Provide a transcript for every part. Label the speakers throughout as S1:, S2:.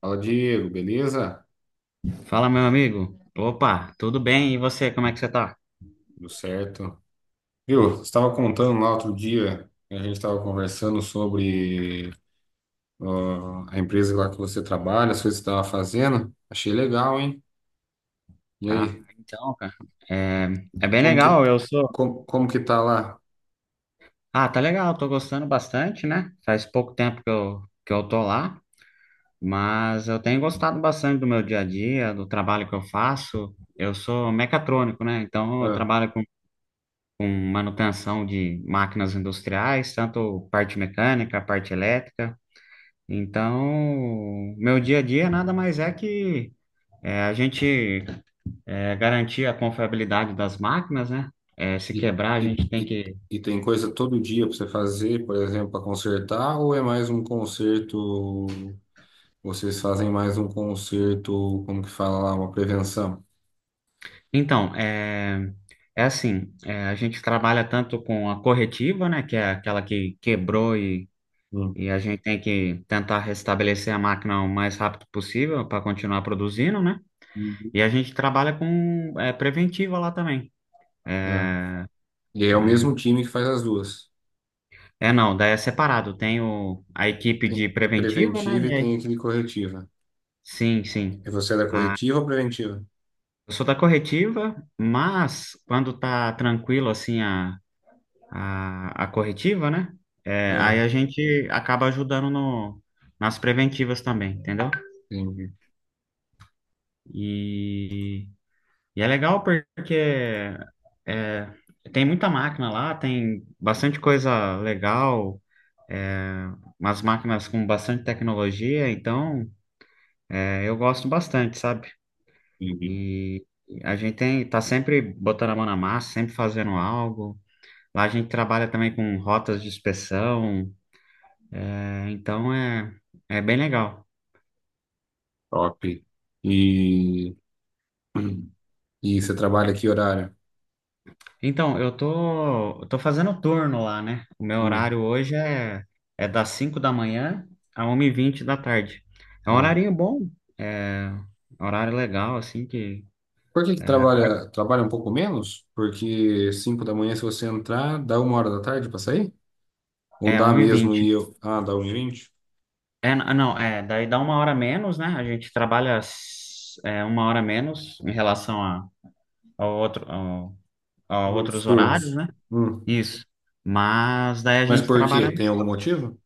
S1: Fala, Diego, beleza?
S2: Fala, meu amigo. Opa, tudo bem? E você, como é que você tá?
S1: Tudo certo. Viu, você estava contando lá outro dia, né, a gente estava conversando sobre ó, a empresa lá que você trabalha, as coisas que você estava fazendo. Achei legal, hein? E
S2: Ah,
S1: aí,
S2: então, cara. É, é bem
S1: como que,
S2: legal, eu sou.
S1: como que tá lá?
S2: Ah, tá legal, tô gostando bastante, né? Faz pouco tempo que eu tô lá, mas eu tenho gostado bastante do meu dia a dia, do trabalho que eu faço. Eu sou mecatrônico, né? Então eu
S1: Ah,
S2: trabalho com manutenção de máquinas industriais, tanto parte mecânica, parte elétrica. Então, meu dia a dia nada mais é que é, a gente garantir a confiabilidade das máquinas, né? É, se
S1: e,
S2: quebrar, a
S1: e,
S2: gente tem
S1: e,
S2: que.
S1: e tem coisa todo dia para você fazer, por exemplo, para consertar, ou é mais um conserto, vocês fazem mais um conserto, como que fala lá, uma prevenção?
S2: Então, é, é assim: é, a gente trabalha tanto com a corretiva, né? Que é aquela que quebrou e,
S1: Hum.
S2: e a gente tem que tentar restabelecer a máquina o mais rápido possível para continuar produzindo, né? E a gente trabalha com é, preventiva lá também.
S1: Uhum. E é o mesmo time que faz as duas.
S2: É, não, daí é separado: tem a equipe
S1: Tem
S2: de preventiva, né?
S1: preventiva
S2: E
S1: e
S2: aí,
S1: tem aquele corretiva.
S2: sim, sim.
S1: E você é da corretiva ou preventiva?
S2: Eu sou da corretiva, mas quando tá tranquilo assim a corretiva, né? É, aí
S1: Ah,
S2: a gente acaba ajudando no, nas preventivas também, entendeu?
S1: entendi.
S2: E, e é legal porque é, tem muita máquina lá, tem bastante coisa legal, umas máquinas com bastante tecnologia, então é, eu gosto bastante, sabe?
S1: Entendi.
S2: E a gente tá sempre botando a mão na massa, sempre fazendo algo. Lá a gente trabalha também com rotas de inspeção, é, então é bem legal.
S1: Top. E, e você trabalha que horário?
S2: Então, eu tô fazendo turno lá, né? O meu
S1: Hum,
S2: horário hoje é das 5 da manhã a 1 e vinte da tarde. É um
S1: é.
S2: horarinho bom, é um horário legal, assim, que
S1: Por que que
S2: é, acorda,
S1: trabalha um pouco menos? Porque 5 da manhã, se você entrar, dá uma hora da tarde para sair? Ou
S2: é
S1: dá mesmo e
S2: 1h20.
S1: eu. Ah, dá 1 e vinte.
S2: É, não, é, daí dá uma hora a menos, né? A gente trabalha uma hora a menos em relação ao outro, ao, a
S1: Por outros
S2: outros
S1: turnos.
S2: horários, né?
S1: Hum.
S2: Isso. Mas daí a
S1: Mas
S2: gente
S1: por quê?
S2: trabalha no
S1: Tem algum
S2: sábado.
S1: motivo?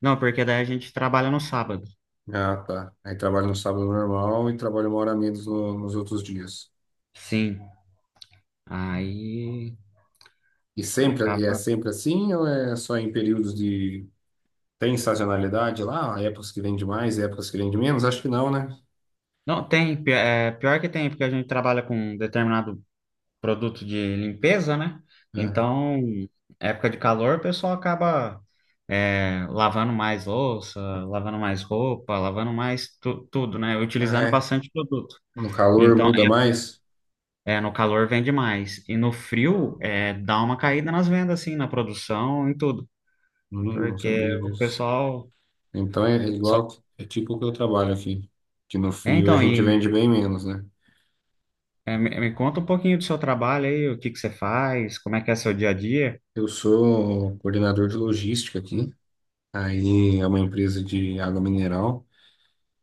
S2: Não, porque daí a gente trabalha no sábado.
S1: Ah, tá. Aí trabalho no sábado normal e trabalho uma hora a menos nos outros dias.
S2: Sim. Aí.
S1: E é
S2: Acaba.
S1: sempre assim ou é só em períodos de... Tem sazonalidade lá? Épocas que vende mais, épocas que vende menos? Acho que não, né?
S2: Não, tem. É, pior que tem, porque a gente trabalha com determinado produto de limpeza, né?
S1: É.
S2: Então, época de calor, o pessoal acaba é, lavando mais louça, lavando mais roupa, lavando mais tudo, né?
S1: Mas
S2: Utilizando
S1: é.
S2: bastante produto.
S1: No calor
S2: Então,
S1: muda mais?
S2: é, é, no calor vende mais. E no frio, é, dá uma caída nas vendas, assim, na produção, em tudo.
S1: Não
S2: Porque
S1: sabia
S2: o
S1: disso.
S2: pessoal.
S1: Então é
S2: só-
S1: igual, é tipo o que eu trabalho aqui. Que no
S2: É,
S1: frio a
S2: então,
S1: gente
S2: e.
S1: vende bem menos, né?
S2: É, me conta um pouquinho do seu trabalho aí, o que que você faz, como é que é seu dia a dia.
S1: Eu sou um coordenador de logística aqui. Aí é uma empresa de água mineral.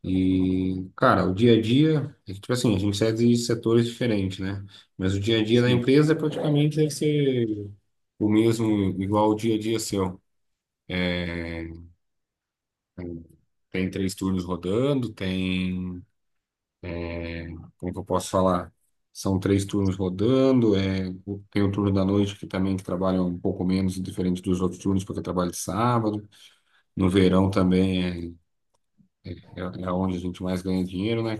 S1: E, cara, o dia a dia, é que, tipo assim, a gente sai de setores diferentes, né? Mas o dia a dia da
S2: Sim.
S1: empresa praticamente deve ser o mesmo, igual o dia a dia seu. Tem três turnos rodando, tem, como que eu posso falar? São três turnos rodando, tem o turno da noite que também que trabalha um pouco menos, diferente dos outros turnos, porque trabalha de sábado. No verão também é onde a gente mais ganha dinheiro, né?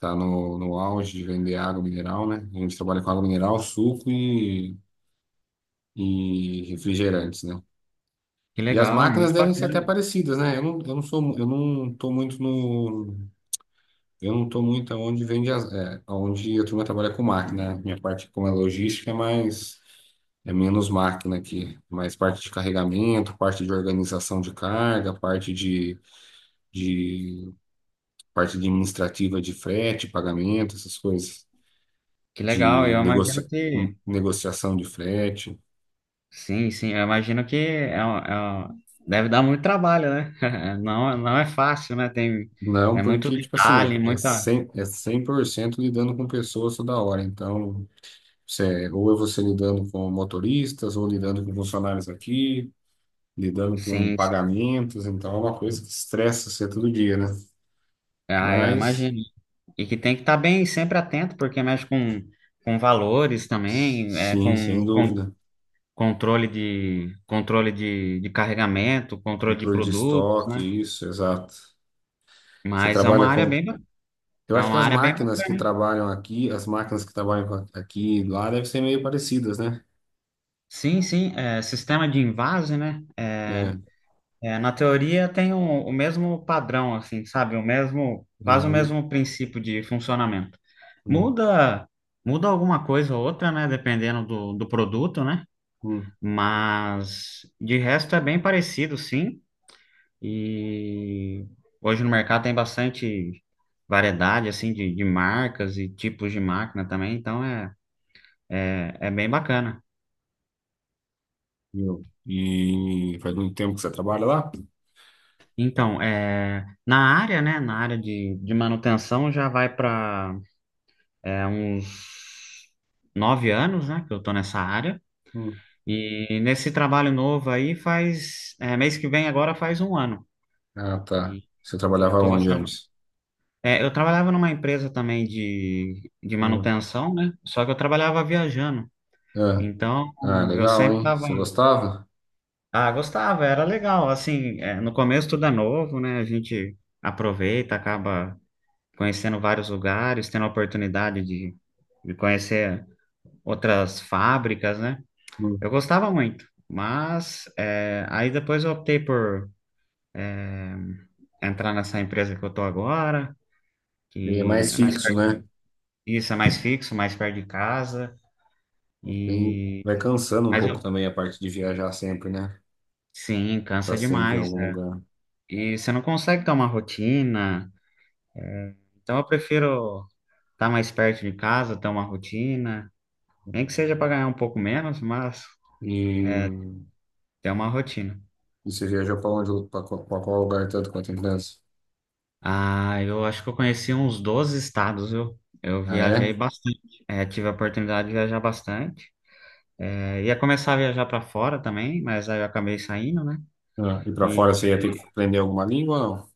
S1: Tá no auge de vender água mineral, né? A gente trabalha com água mineral, suco e refrigerantes, né?
S2: Que
S1: E as
S2: legal,
S1: máquinas
S2: muito
S1: devem ser
S2: bacana.
S1: até parecidas, né? Eu não tô muito aonde vende as, é, aonde a turma trabalha com máquina, né? Minha parte como é logística é menos máquina aqui, mais parte de carregamento, parte de organização de carga, parte de parte administrativa de frete, pagamento, essas coisas.
S2: Que legal,
S1: De
S2: eu imagino que...
S1: negociação de frete.
S2: Sim, sim, eu imagino que deve dar muito trabalho, né? Não, não é fácil, né? Tem,
S1: Não,
S2: é muito
S1: porque, tipo assim, é,
S2: detalhe,
S1: é
S2: muita...
S1: cem é 100% lidando com pessoas toda hora. Então, ou é você lidando com motoristas, ou lidando com funcionários aqui, lidando com
S2: Sim, sim.
S1: pagamentos. Então, é uma coisa que estressa você todo dia, né?
S2: Ah, eu
S1: Mas,
S2: imagino. E que tem que estar bem, sempre atento, porque mexe com valores também, é,
S1: sim,
S2: com,
S1: sem
S2: com
S1: dúvida.
S2: controle controle de carregamento, controle de
S1: Controle de
S2: produtos, né?
S1: estoque, isso, exato. Você
S2: Mas é uma
S1: trabalha
S2: área
S1: com.
S2: bem,
S1: Eu
S2: é
S1: acho que
S2: uma
S1: as
S2: área bem, ba-
S1: máquinas que trabalham aqui, as máquinas que trabalham aqui e lá devem ser meio parecidas, né?
S2: sim, sim, é, sistema de invase, né? É,
S1: É,
S2: é, na teoria tem o mesmo padrão, assim, sabe? O mesmo, quase o
S1: uhum,
S2: mesmo princípio de funcionamento.
S1: uhum,
S2: Muda, muda alguma coisa ou outra, né? Dependendo do produto, né?
S1: uhum.
S2: Mas de resto é bem parecido, sim. E hoje no mercado tem bastante variedade, assim, de marcas e tipos de máquina também, então é, é bem bacana.
S1: E faz muito tempo que você trabalha lá?
S2: Então, é, na área de manutenção já vai para uns 9 anos, né, que eu tô nessa área.
S1: Hum.
S2: E nesse trabalho novo aí faz, é, mês que vem agora faz um ano.
S1: Ah, tá.
S2: E,
S1: Você
S2: e eu
S1: trabalhava
S2: tô
S1: onde
S2: gostando.
S1: antes?
S2: É, eu trabalhava numa empresa também de
S1: Mano.
S2: manutenção, né, só que eu trabalhava viajando.
S1: Ah,
S2: Então,
S1: ah,
S2: eu
S1: legal,
S2: sempre
S1: hein?
S2: tava...
S1: Você gostava?
S2: Ah, gostava, era legal. Assim, é, no começo tudo é novo, né, a gente aproveita, acaba conhecendo vários lugares, tendo a oportunidade de conhecer outras fábricas, né?
S1: Hum.
S2: Eu gostava muito, mas é, aí depois eu optei por é, entrar nessa empresa que eu tô agora,
S1: E é
S2: que
S1: mais
S2: é mais
S1: fixo,
S2: perto
S1: né?
S2: de, isso, é mais fixo, mais perto de casa, e
S1: Vai cansando um
S2: mas
S1: pouco
S2: eu,
S1: também a parte de viajar sempre, né?
S2: sim,
S1: Tá
S2: cansa
S1: sempre em
S2: demais,
S1: algum
S2: né?
S1: lugar.
S2: E você não consegue ter uma rotina, então eu prefiro estar mais perto de casa, ter uma rotina, nem que seja para ganhar um pouco menos, mas
S1: E
S2: ter uma rotina.
S1: você viajou pra onde? Pra qual lugar tanto quanto a criança?
S2: Ah, eu acho que eu conheci uns 12 estados, viu? Eu
S1: Ah, é?
S2: viajei bastante. É, tive a oportunidade de viajar bastante. É, ia começar a viajar para fora também, mas aí eu acabei saindo, né?
S1: Ah, e pra
S2: E,
S1: fora você ia ter que aprender alguma língua ou não?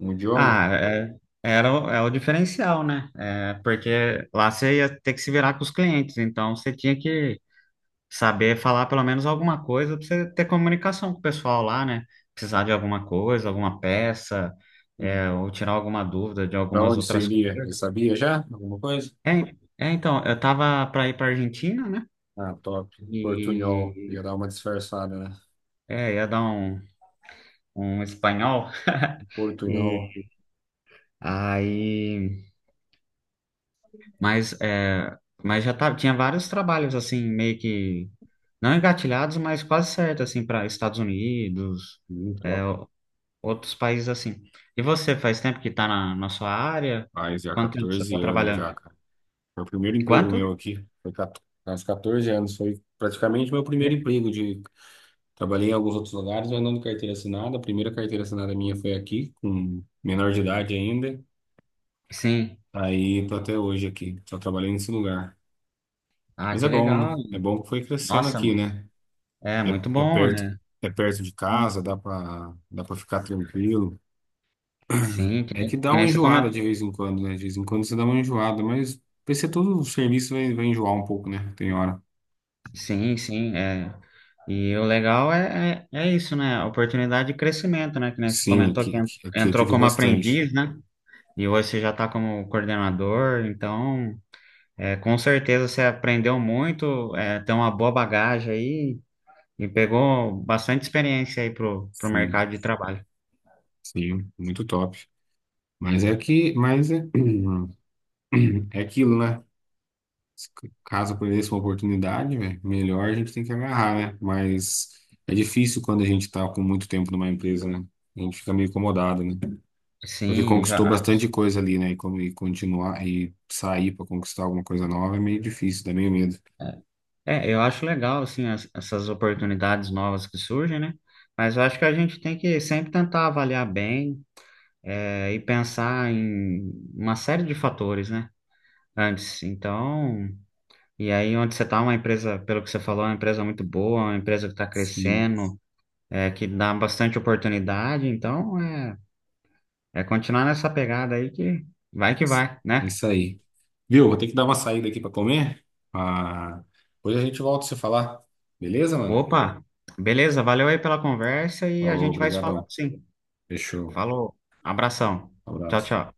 S1: Um idioma?
S2: ah, é, é o diferencial, né? É, porque lá você ia ter que se virar com os clientes, então você tinha que saber falar pelo menos alguma coisa para você ter comunicação com o pessoal lá, né? Precisar de alguma coisa, alguma peça, é, ou tirar alguma dúvida de
S1: Para
S2: algumas
S1: onde você
S2: outras
S1: iria? Ele
S2: coisas.
S1: sabia já? Alguma coisa?
S2: É, é, então, eu tava para ir para Argentina, né?
S1: Ah, top. Portunhol. Ia
S2: E
S1: dar uma disfarçada, né?
S2: é, ia dar um espanhol.
S1: Portunhol.
S2: E aí, mas é, mas já tava, tinha vários trabalhos assim meio que não engatilhados, mas quase certo assim para Estados Unidos, é,
S1: Top.
S2: outros países assim. E você faz tempo que tá na, na sua área?
S1: Faz já
S2: Quanto tempo você tá
S1: 14 anos já,
S2: trabalhando?
S1: cara. Foi o primeiro emprego
S2: Quanto?
S1: meu aqui. Foi 14, aos 14 anos. Foi praticamente meu primeiro
S2: Le-
S1: emprego de... Trabalhei em alguns outros lugares, mas não de carteira assinada. A primeira carteira assinada minha foi aqui, com menor de idade ainda.
S2: Sim.
S1: Aí tô até hoje aqui. Só trabalhei nesse lugar.
S2: Ah,
S1: Mas é
S2: que
S1: bom, né?
S2: legal.
S1: É bom que foi crescendo
S2: Nossa,
S1: aqui, né?
S2: é
S1: É,
S2: muito
S1: é
S2: bom,
S1: perto,
S2: né?
S1: é perto de casa, dá para ficar tranquilo.
S2: Sim, que
S1: É
S2: nem,
S1: que dá
S2: que
S1: uma
S2: nem você
S1: enjoada de vez em quando, né? De vez em quando você dá uma enjoada, mas vai ser todo o serviço vai enjoar um pouco, né? Tem hora.
S2: sim, sim, é. E o legal é, é isso, né? A oportunidade de crescimento, né? Que nem você
S1: Sim,
S2: comentou que
S1: aqui, aqui aqui eu
S2: entrou
S1: tive
S2: como
S1: bastante.
S2: aprendiz, né? E hoje você já está como coordenador, então é, com certeza você aprendeu muito, é, tem uma boa bagagem aí e pegou bastante experiência aí pro
S1: Sim,
S2: mercado de trabalho.
S1: sim, muito top. Mas é que, mas é, É aquilo, né? Caso apareça uma oportunidade, velho, melhor a gente tem que agarrar, né? Mas é difícil quando a gente tá com muito tempo numa empresa, né? A gente fica meio incomodado, né? Porque
S2: Sim,
S1: conquistou
S2: já.
S1: bastante coisa ali, né? E continuar e sair para conquistar alguma coisa nova é meio difícil, dá meio medo.
S2: É, eu acho legal, assim, essas oportunidades novas que surgem, né? Mas eu acho que a gente tem que sempre tentar avaliar bem é, e pensar em uma série de fatores, né? Antes. Então, e aí onde você está, uma empresa, pelo que você falou, é uma empresa muito boa, uma empresa que está
S1: Sim.
S2: crescendo, é, que dá bastante oportunidade. Então, é, é continuar nessa pegada aí que vai,
S1: É
S2: né?
S1: isso aí. Viu? Vou ter que dar uma saída aqui para comer. Ah, depois a gente volta a se falar. Beleza, mano?
S2: Opa, beleza, valeu aí pela conversa e a
S1: Falou,
S2: gente vai se falando
S1: obrigadão.
S2: sim.
S1: Fechou.
S2: Falou, abração. Tchau,
S1: Abraço.
S2: tchau.